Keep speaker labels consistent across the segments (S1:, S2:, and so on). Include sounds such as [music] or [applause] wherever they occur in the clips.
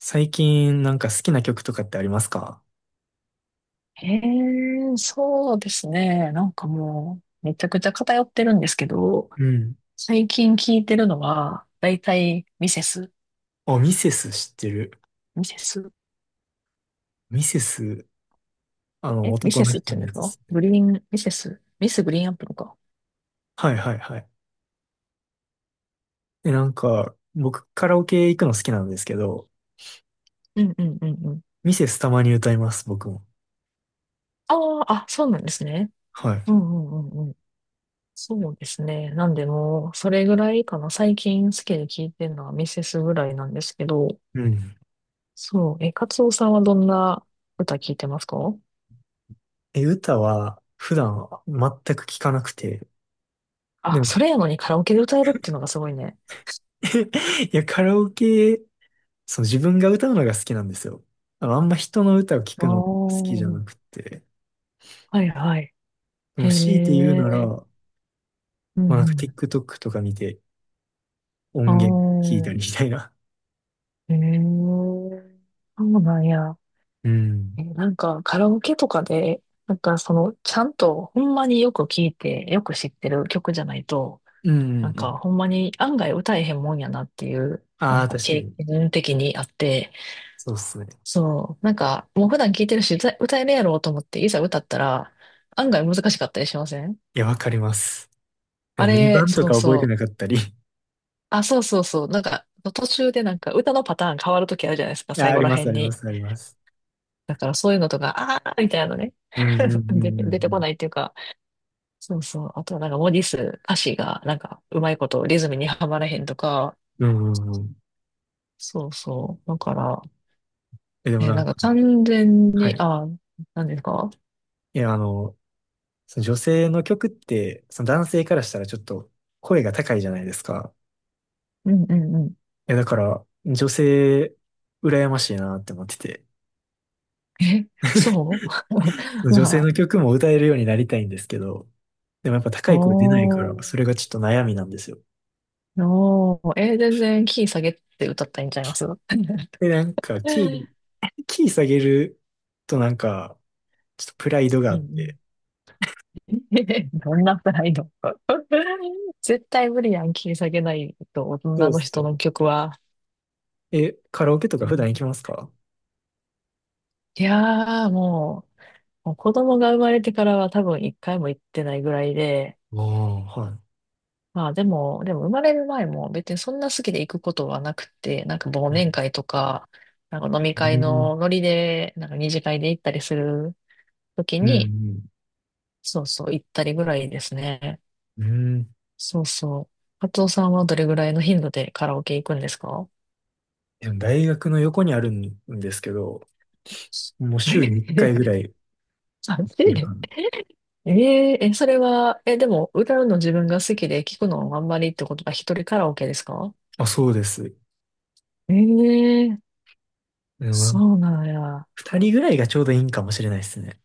S1: 最近なんか好きな曲とかってありますか？
S2: へえ、そうですね。なんかもう、めちゃくちゃ偏ってるんですけど、
S1: うん。
S2: 最近聞いてるのは、だいたいミセス、
S1: あ、ミセス知ってる。
S2: ミセス、
S1: ミセス、
S2: え、ミ
S1: 男
S2: セ
S1: の
S2: スって
S1: 人
S2: 言う
S1: の
S2: んで
S1: や
S2: す
S1: つで
S2: か
S1: すね。
S2: グリーン、ミセス、ミスグリーンアップルか。
S1: はいはいはい。で、なんか、僕カラオケ行くの好きなんですけど、
S2: うんうんうんうん。
S1: ミセスたまに歌います、僕も。
S2: あそうなんですね。
S1: はい。
S2: うんうんうんうん。そうですね。なんでもう、それぐらいかな。最近好きで聞いてるのはミセスぐらいなんですけど、
S1: うん。
S2: そう、え、カツオさんはどんな歌聞いてますか？
S1: え、歌は普段全く聞かなくて、で
S2: あ、
S1: も
S2: それやのにカラオケで歌えるっていうのがすごいね。
S1: [laughs] いや、カラオケ、そう、自分が歌うのが好きなんですよ。あんま人の歌を聞
S2: ああ、
S1: くの好きじゃ
S2: は
S1: なくて、
S2: いはい。
S1: で
S2: へ
S1: も強いて言うな
S2: え、
S1: ら、
S2: う
S1: ま
S2: ん
S1: あ、なんか
S2: う
S1: TikTok とか見て、音源聞いたり
S2: ん。
S1: み
S2: あ
S1: たいな。
S2: あ、へえ、そうなんや。
S1: うん。
S2: え、なんかカラオケとかで、なんかその、ちゃんとほんまによく聞いて、よく知ってる曲じゃないと、
S1: うん、う
S2: なん
S1: んう
S2: か
S1: ん。
S2: ほんまに案外歌えへんもんやなっていう、な
S1: あ
S2: ん
S1: あ、
S2: か
S1: 確か
S2: 経
S1: に。
S2: 験的にあって、
S1: そうっすね。
S2: そう、なんかもう普段聞いてるし、歌歌えるやろうと思って、いざ歌ったら、案外難しかったりしません？
S1: いや、わかります。
S2: あれ、
S1: 2番と
S2: そ
S1: か
S2: う
S1: 覚えて
S2: そ
S1: なか
S2: う。
S1: ったり。[laughs] い
S2: そうそうそう。なんか、途中でなんか歌のパターン変わるときあるじゃないですか、
S1: や、
S2: 最
S1: あ
S2: 後
S1: り
S2: ら
S1: ます、
S2: 辺
S1: ありま
S2: に。
S1: す、あります。
S2: だからそういうのとか、あーみたいなのね。
S1: うん、うん、
S2: [laughs]
S1: うん、う
S2: 出てこ
S1: ん。
S2: ないっていうか、そうそう。あとはなんか文字数、歌詞がなんかうまいことリズムにはまらへんとか、
S1: うんうんうん。
S2: そうそう。だから、
S1: え、でも
S2: え、
S1: な
S2: な
S1: ん
S2: ん
S1: か、
S2: か完全
S1: は
S2: に、
S1: い。
S2: あ、なんですか？
S1: いや、あの、その女性の曲って、その男性からしたらちょっと声が高いじゃないですか。
S2: うんうんうん。
S1: いや、だから、女性、羨ましいなって思ってて。
S2: え、そ
S1: その
S2: う。 [laughs]
S1: 女性
S2: まあ、
S1: の曲も歌えるようになりたいんですけど、でもやっぱ高
S2: お
S1: い声出ないから、
S2: ー、
S1: それがちょっと悩みなんですよ。
S2: おー、え、全然キー下げて歌ったらいいんちゃいます？ [laughs] う
S1: で、なんか、キー、
S2: ん
S1: キー下げるとなんか、ちょっとプライドがあ
S2: う
S1: って。
S2: ん。 [laughs] どんなプライド？ [laughs] 絶対無理やん、切り下げないと、
S1: そう
S2: 女
S1: っ
S2: の
S1: す
S2: 人
S1: よね。
S2: の曲は。
S1: え、カラオケとか
S2: う
S1: 普
S2: ん、
S1: 段行きますか？
S2: いやー、もう子供が生まれてからは多分一回も行ってないぐらいで、
S1: ああ、はい。
S2: まあでも、生まれる前も別にそんな好きで行くことはなくて、なんか忘年
S1: う
S2: 会とか、なんか飲み会
S1: ん、
S2: のノリで、なんか二次会で行ったりする時
S1: うん、う
S2: に、
S1: ん。
S2: そうそう、行ったりぐらいですね。
S1: うん。
S2: そうそう。カツオさんはどれぐらいの頻度でカラオケ行くんですか？
S1: でも大学の横にあるんですけど、
S2: [laughs]
S1: もう週に1回ぐらい
S2: 3
S1: いる
S2: で。
S1: かな。
S2: えーえ、それは、え、でも、歌うの自分が好きで聞くのあんまりってことは一人カラオケですか？
S1: あ、そうです。
S2: ええー、
S1: うん。
S2: そうなんや。
S1: 2人ぐらいがちょうどいいんかもしれないですね。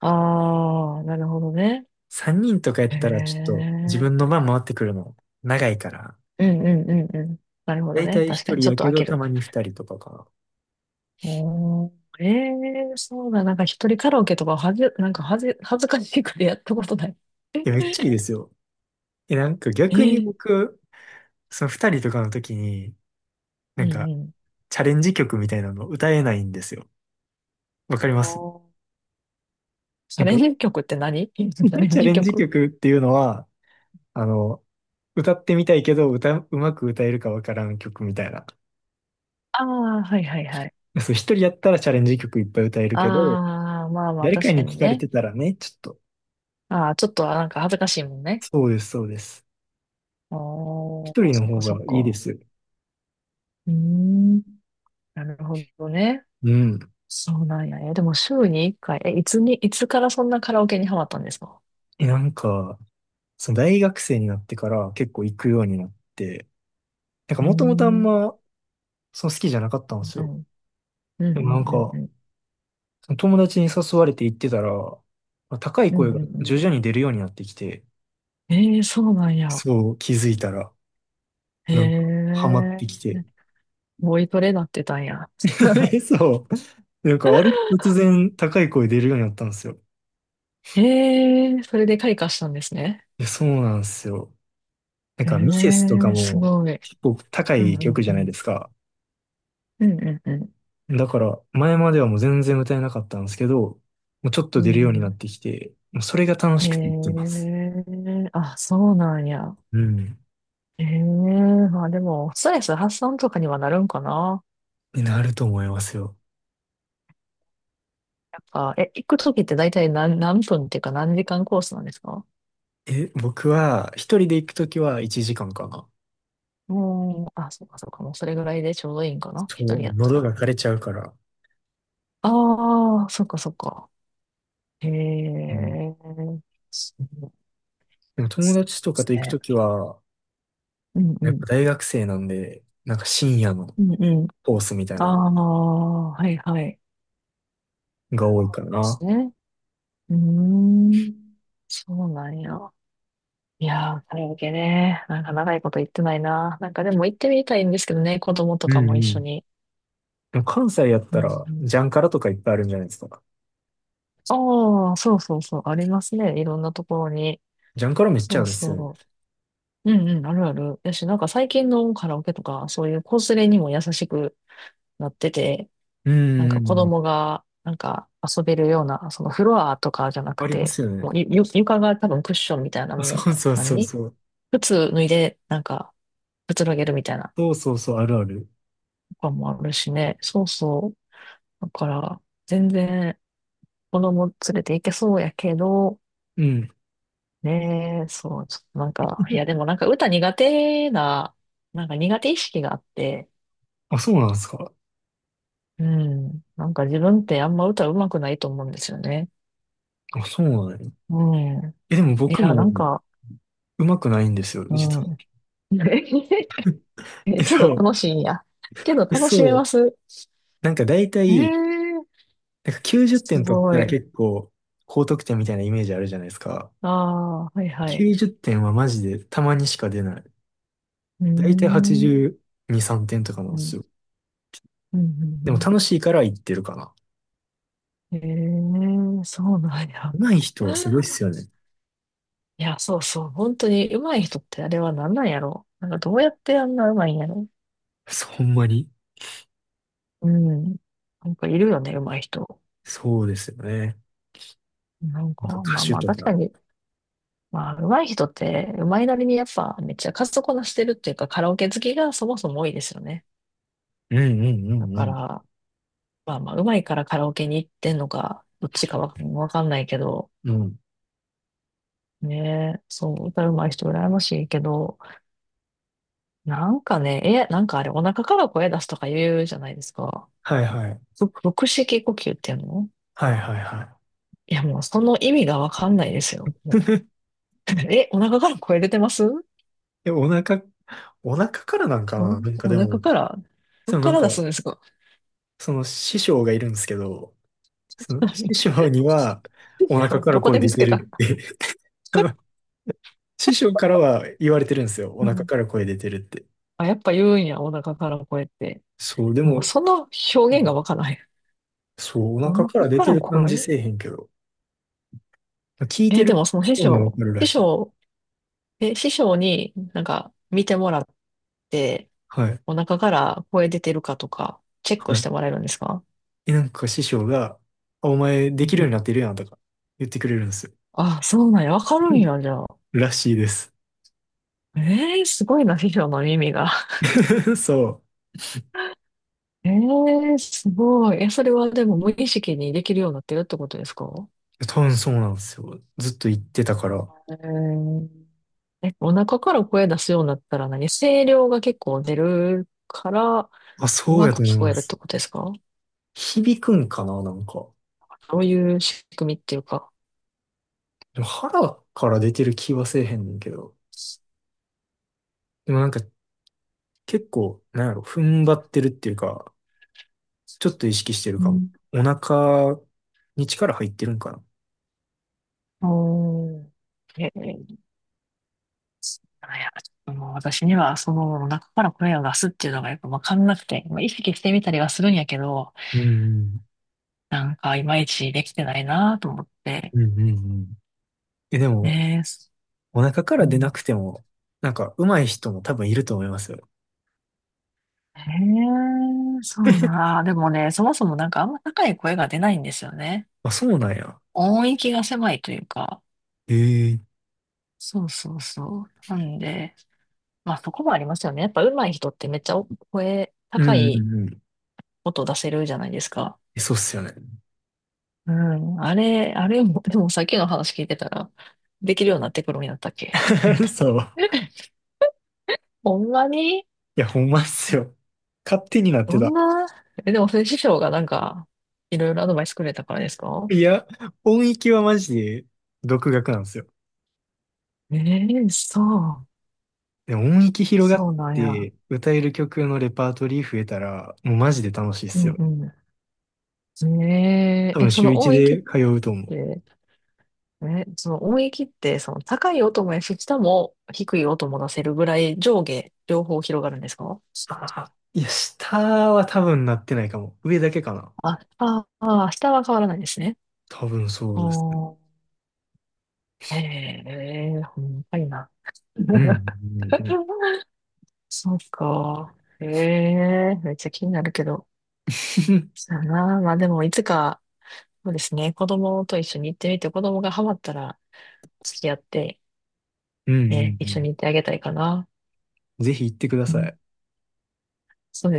S2: ああ、なるほどね。
S1: 3人とかやっ
S2: へ
S1: たらちょっと自分の
S2: え、
S1: 番回ってくるの長いから。
S2: うんうんうんうん。なるほ
S1: だ
S2: ど
S1: いた
S2: ね。
S1: い
S2: 確
S1: 1
S2: かに、
S1: 人
S2: ちょっ
S1: や
S2: と
S1: け
S2: 開
S1: ど
S2: け
S1: た
S2: る。
S1: まに2人とかかな。
S2: おー、ええー、そうだ。なんか一人カラオケとかはじ、なんかはじ、恥ずかしいくらいやったことない。
S1: いや、めっちゃいいですよ。え、なんか
S2: え
S1: 逆に
S2: え、
S1: 僕、その二人とかの時に、
S2: う
S1: なん
S2: ん
S1: か
S2: うん。
S1: チャレンジ曲みたいなの歌えないんですよ。わかりま
S2: あ
S1: す？
S2: あ、チ
S1: な
S2: ャ
S1: ん
S2: レ
S1: か、
S2: ンジ曲って何？ [laughs] チャ
S1: [laughs]
S2: レン
S1: チャレ
S2: ジ
S1: ンジ
S2: 曲？
S1: 曲っていうのは、あの、歌ってみたいけど、歌、うまく歌えるかわからん曲みたいな。
S2: ああー、はいはいはい。
S1: そう、一人やったらチャレンジ曲いっぱい歌える
S2: あ
S1: けど、
S2: あ、まあまあ、
S1: 誰か
S2: 確か
S1: に
S2: に
S1: 聞かれ
S2: ね。
S1: てたらね、ちょっと。
S2: ああ、ちょっとなんか恥ずかしいもんね。
S1: そうです、そうです。
S2: ああ、
S1: 一人の
S2: そっ
S1: 方
S2: かそっ
S1: がいいで
S2: か。
S1: す。
S2: うーん、なるほどね。
S1: うん。
S2: そうなんや。え、でも週に1回、え、いつに、いつからそんなカラオケにハマったんですか？
S1: え、なんか、その大学生になってから結構行くようになって、なんか
S2: うー
S1: もともとあん
S2: ん、
S1: ま、その好きじゃなかったんです
S2: う
S1: よ。
S2: ん、う
S1: で
S2: ん、う
S1: もな
S2: ん、
S1: ん
S2: うん、
S1: か、
S2: うん、
S1: その友達に誘われて行ってたら、まあ高い
S2: う
S1: 声
S2: ん、う
S1: が
S2: ん
S1: 徐
S2: う
S1: 々に出るようになってきて、
S2: ん。えー、そうなんや。
S1: そう気づいたら、
S2: へ
S1: なんか、ハマって
S2: え、
S1: きて。
S2: ボイトレなってたんや。
S1: [laughs] そう。なんか、ある日突然高い声出るようになったんですよ。い
S2: [laughs] へえ、それで開花したんですね。
S1: や、そうなんですよ。なん
S2: へ
S1: か、ミセスとか
S2: え、す
S1: も
S2: ごい。
S1: 結構高
S2: うん、
S1: い
S2: う
S1: 曲
S2: ん、
S1: じ
S2: う
S1: ゃない
S2: ん。
S1: ですか。
S2: うん、うん、うん。
S1: だから、前まではもう全然歌えなかったんですけど、もうちょっと
S2: う
S1: 出る
S2: ん
S1: よ
S2: う
S1: うになっ
S2: ん、
S1: てきて、もうそれが楽
S2: へ
S1: しくて言ってます。
S2: え、あ、そうなんや。
S1: うん。
S2: へえ、まあでも、ストレス発散とかにはなるんかな。
S1: になると思いますよ。
S2: なんか、え、行くときって大体何、何分っていうか何時間コースなんですか？
S1: え、僕は、一人で行くときは1時間かんかな。
S2: もう、あ、そうか、もうそれぐらいでちょうどいいんかな。
S1: そ
S2: 一
S1: う、
S2: 人
S1: も
S2: や
S1: う
S2: った
S1: 喉が
S2: ら。
S1: 枯れちゃうから。
S2: ああ、そっか。へ
S1: うん。
S2: え、そうで
S1: でも友
S2: す
S1: 達とかと行く
S2: ね。
S1: ときは、
S2: うんう
S1: やっ
S2: ん。
S1: ぱ大学生なんで、なんか深夜の
S2: うんうん。
S1: コースみたい
S2: あ
S1: なの
S2: あ、はいはい。で
S1: が多いからな。
S2: すね。うーん。そうなんや。いやー、カラオケね。なんか長いこと行ってないな。なんかでも行ってみたいんですけどね、子供と
S1: う
S2: か
S1: んう
S2: も一緒
S1: ん。
S2: に。
S1: でも関西やっ
S2: う
S1: た
S2: んう
S1: ら、ジャンカラとかいっぱいあるんじゃないですか。
S2: ん、ああ、そうそうそう、ありますね。いろんなところに。
S1: ジャンカラめっち
S2: そ
S1: ゃあ
S2: う
S1: るっすよね。
S2: そう。うんうん、あるある。やし、なんか最近のカラオケとか、そういう子連れにも優しくなってて、
S1: う
S2: なん
S1: んう
S2: か
S1: んう
S2: 子
S1: ん。
S2: 供が、なんか遊べるような、そのフロアとかじゃな
S1: あ
S2: く
S1: りま
S2: て、
S1: すよね。
S2: もう床が多分クッションみたいな
S1: あ
S2: も
S1: そ
S2: う、
S1: うそうそう
S2: 何、
S1: そう。
S2: 靴脱いで、なんか、くつろげるみたいな
S1: そうそうそう、あるある。
S2: とかもあるしね。そうそう。だから、全然子供連れて行けそうやけど、
S1: うん。
S2: ねえ、そう、ちょっとなんか、いやでも
S1: [laughs]
S2: なんか歌苦手な、なんか苦手意識があって、
S1: あ、そうなんですか。
S2: うん、なんか自分ってあんま歌上手くないと思うんですよね。
S1: あ、そうなんや。
S2: うん。
S1: え、でも
S2: い
S1: 僕
S2: や、な
S1: も
S2: んか、
S1: うまくないんですよ、
S2: う
S1: 実は。
S2: ん。[laughs] え
S1: え
S2: けど
S1: そ
S2: 楽しいんや。けど
S1: う。
S2: 楽しめ
S1: そ
S2: ま
S1: う。
S2: す。
S1: なんか大
S2: え
S1: 体、
S2: え、
S1: なんか90
S2: す
S1: 点取っ
S2: ご
S1: たら
S2: い。
S1: 結構高得点みたいなイメージあるじゃないですか。
S2: ああ、はいはい。
S1: 90点はマジでたまにしか出ない。
S2: うー
S1: 大体
S2: ん。
S1: 82、3点とかなんで
S2: う
S1: す
S2: ん、
S1: よ。
S2: うん、うん。う
S1: でも楽
S2: ん、
S1: しいから言ってるかな。
S2: ええ、そうなんや。
S1: 上手い人はすごいっす
S2: [laughs]
S1: よね。
S2: いや、そうそう。本当に上手い人ってあれは何なんやろ。なんかどうやってあんな上手いんやろ。
S1: そう、ほんまに。
S2: うん。なんかいるよね、上手い人。
S1: そうですよね。
S2: なん
S1: なん
S2: か、
S1: か歌
S2: まあ
S1: 手
S2: まあ
S1: と
S2: 確
S1: か。
S2: かに、まあ上手い人って上手いなりにやっぱめっちゃ数こなしてるっていうかカラオケ好きがそもそも多いですよね。
S1: うんうん
S2: だ
S1: う
S2: か
S1: ん
S2: ら、まあまあ上手いからカラオケに行ってんのか、どっちかわかんないけど、
S1: うん。うん。
S2: ねえ、そう、歌うまい人羨ましいけど、なんかね、え、なんかあれ、お腹から声出すとか言うじゃないですか。
S1: はいはい。
S2: ふ腹式呼吸っていうの、
S1: はいはいは
S2: いや、もうその意味がわかんないですよ。も
S1: い。
S2: う。 [laughs] え、お腹から声出てます？
S1: [laughs] え、お腹からなんか
S2: お、
S1: ななんか
S2: お
S1: で
S2: 腹
S1: も、
S2: から、どっ
S1: でも
S2: か
S1: なん
S2: ら
S1: か、
S2: 出すんですか？
S1: その師匠がいるんですけど、その師
S2: [laughs]
S1: 匠にはお腹か
S2: ど
S1: ら
S2: こ
S1: 声
S2: で見
S1: 出
S2: つ
S1: て
S2: けた、
S1: るって [laughs] あの師匠からは言われてるんですよ。お
S2: う
S1: 腹
S2: ん、
S1: から声出てるって。
S2: あ、やっぱ言うんや、お腹から声って。
S1: そう、で
S2: でも
S1: も、
S2: その
S1: う
S2: 表現が
S1: ん。
S2: わからない。
S1: そう、お
S2: お
S1: 腹
S2: 腹
S1: から出
S2: か
S1: て
S2: ら
S1: る感じ
S2: 声、
S1: せえへんけど、聞いて
S2: え、で
S1: る
S2: も
S1: 方がわかるら
S2: 師
S1: しい。
S2: 匠、え、師匠になんか見てもらって、
S1: はい。
S2: お腹から声出てるかとか、チェック
S1: は
S2: し
S1: い。
S2: てもらえるんですか？
S1: え、なんか師匠が、あ、お前
S2: う
S1: で
S2: ん
S1: きるよう
S2: う
S1: にな
S2: ん、
S1: ってるやんとか言ってくれるんですよ。
S2: あ、そうなんや。わかるん
S1: [laughs]
S2: や、じゃあ。
S1: らしいです。
S2: ええ、すごいな、秘書の耳が。
S1: [laughs] そ
S2: [laughs] ええ、すごい。え、それはでも無意識にできるようになってるってことですか？
S1: う。多分そうなんですよ。ずっと言ってたから。
S2: えー、え、お腹から声出すようになったら何声量が結構出るから、
S1: あ、
S2: う
S1: そう
S2: ま
S1: や
S2: く
S1: と思い
S2: 聞こ
S1: ま
S2: えるって
S1: す。
S2: ことですか？
S1: 響くんかな、なんか。
S2: どういう仕組みっていうか。
S1: でも腹から出てる気はせえへんねんけど。でもなんか結構、なんやろ、踏ん張ってるっていうか、ちょっと意識してる
S2: う
S1: かも。
S2: ん。
S1: お腹に力入ってるんかな。
S2: おー。え、あ、いや、ちょっともう私にはその中から声を出すっていうのがやっぱわかんなくて、まあ、意識してみたりはするんやけど、
S1: うん、
S2: なんかいまいちできてないなと思って。
S1: うん、うん、うん。え、でも、
S2: ねえ、す、
S1: お腹か
S2: う
S1: ら出な
S2: ん。
S1: くても、なんか上手い人も多分いると思いますよ。
S2: へえ、そう
S1: [laughs]
S2: な。あでもね、そもそもなんかあんま高い声が出ないんですよね。
S1: あ、そうなんや。
S2: 音域が狭いというか。
S1: ええ。
S2: そうそうそう。なんで、まあそこもありますよね。やっぱ上手い人ってめっちゃお声、
S1: うん
S2: 高
S1: うん
S2: い
S1: うん。
S2: 音出せるじゃないですか。
S1: え、そうっすよね。
S2: うん。あれ、あれも、でもさっきの話聞いてたら、できるようになってくるんやったっけ？
S1: [laughs] そう。
S2: [laughs] ほんまに、
S1: いや、ほんまっすよ。勝手になって
S2: どん
S1: た。
S2: な、え、でも、それ師匠がなんか、いろいろアドバイスくれたからですか？
S1: いや、音域はマジで独学なんですよ。
S2: ええ、そう。
S1: でも音域広がっ
S2: そうなんや。
S1: て歌える曲のレパートリー増えたら、もうマジで楽しいっ
S2: う
S1: すよ。
S2: んうん。え
S1: 多
S2: え
S1: 分
S2: え、
S1: 週一で通うと思う。
S2: て、その音域って、その高い音もやし、下も低い音も出せるぐらい上下、両方広がるんですか？
S1: ああ、いや、下は多分なってないかも。上だけかな。
S2: 下は変わらないですね。
S1: 多分
S2: あ
S1: そうですね。
S2: ー、ええ、ほんまにな。
S1: うん、うん、うん。
S2: [laughs] そうか。ええめっちゃ気になるけど。
S1: [laughs]
S2: そうやな。まあでも、いつか、そうですね、子供と一緒に行ってみて、子供がハマったら付き合って、
S1: うん、う
S2: ね、
S1: ん
S2: 一緒に
S1: う
S2: 行ってあげたいかな。
S1: ん。ぜひ行ってくだ
S2: う
S1: さ
S2: ん、
S1: い。
S2: そうです。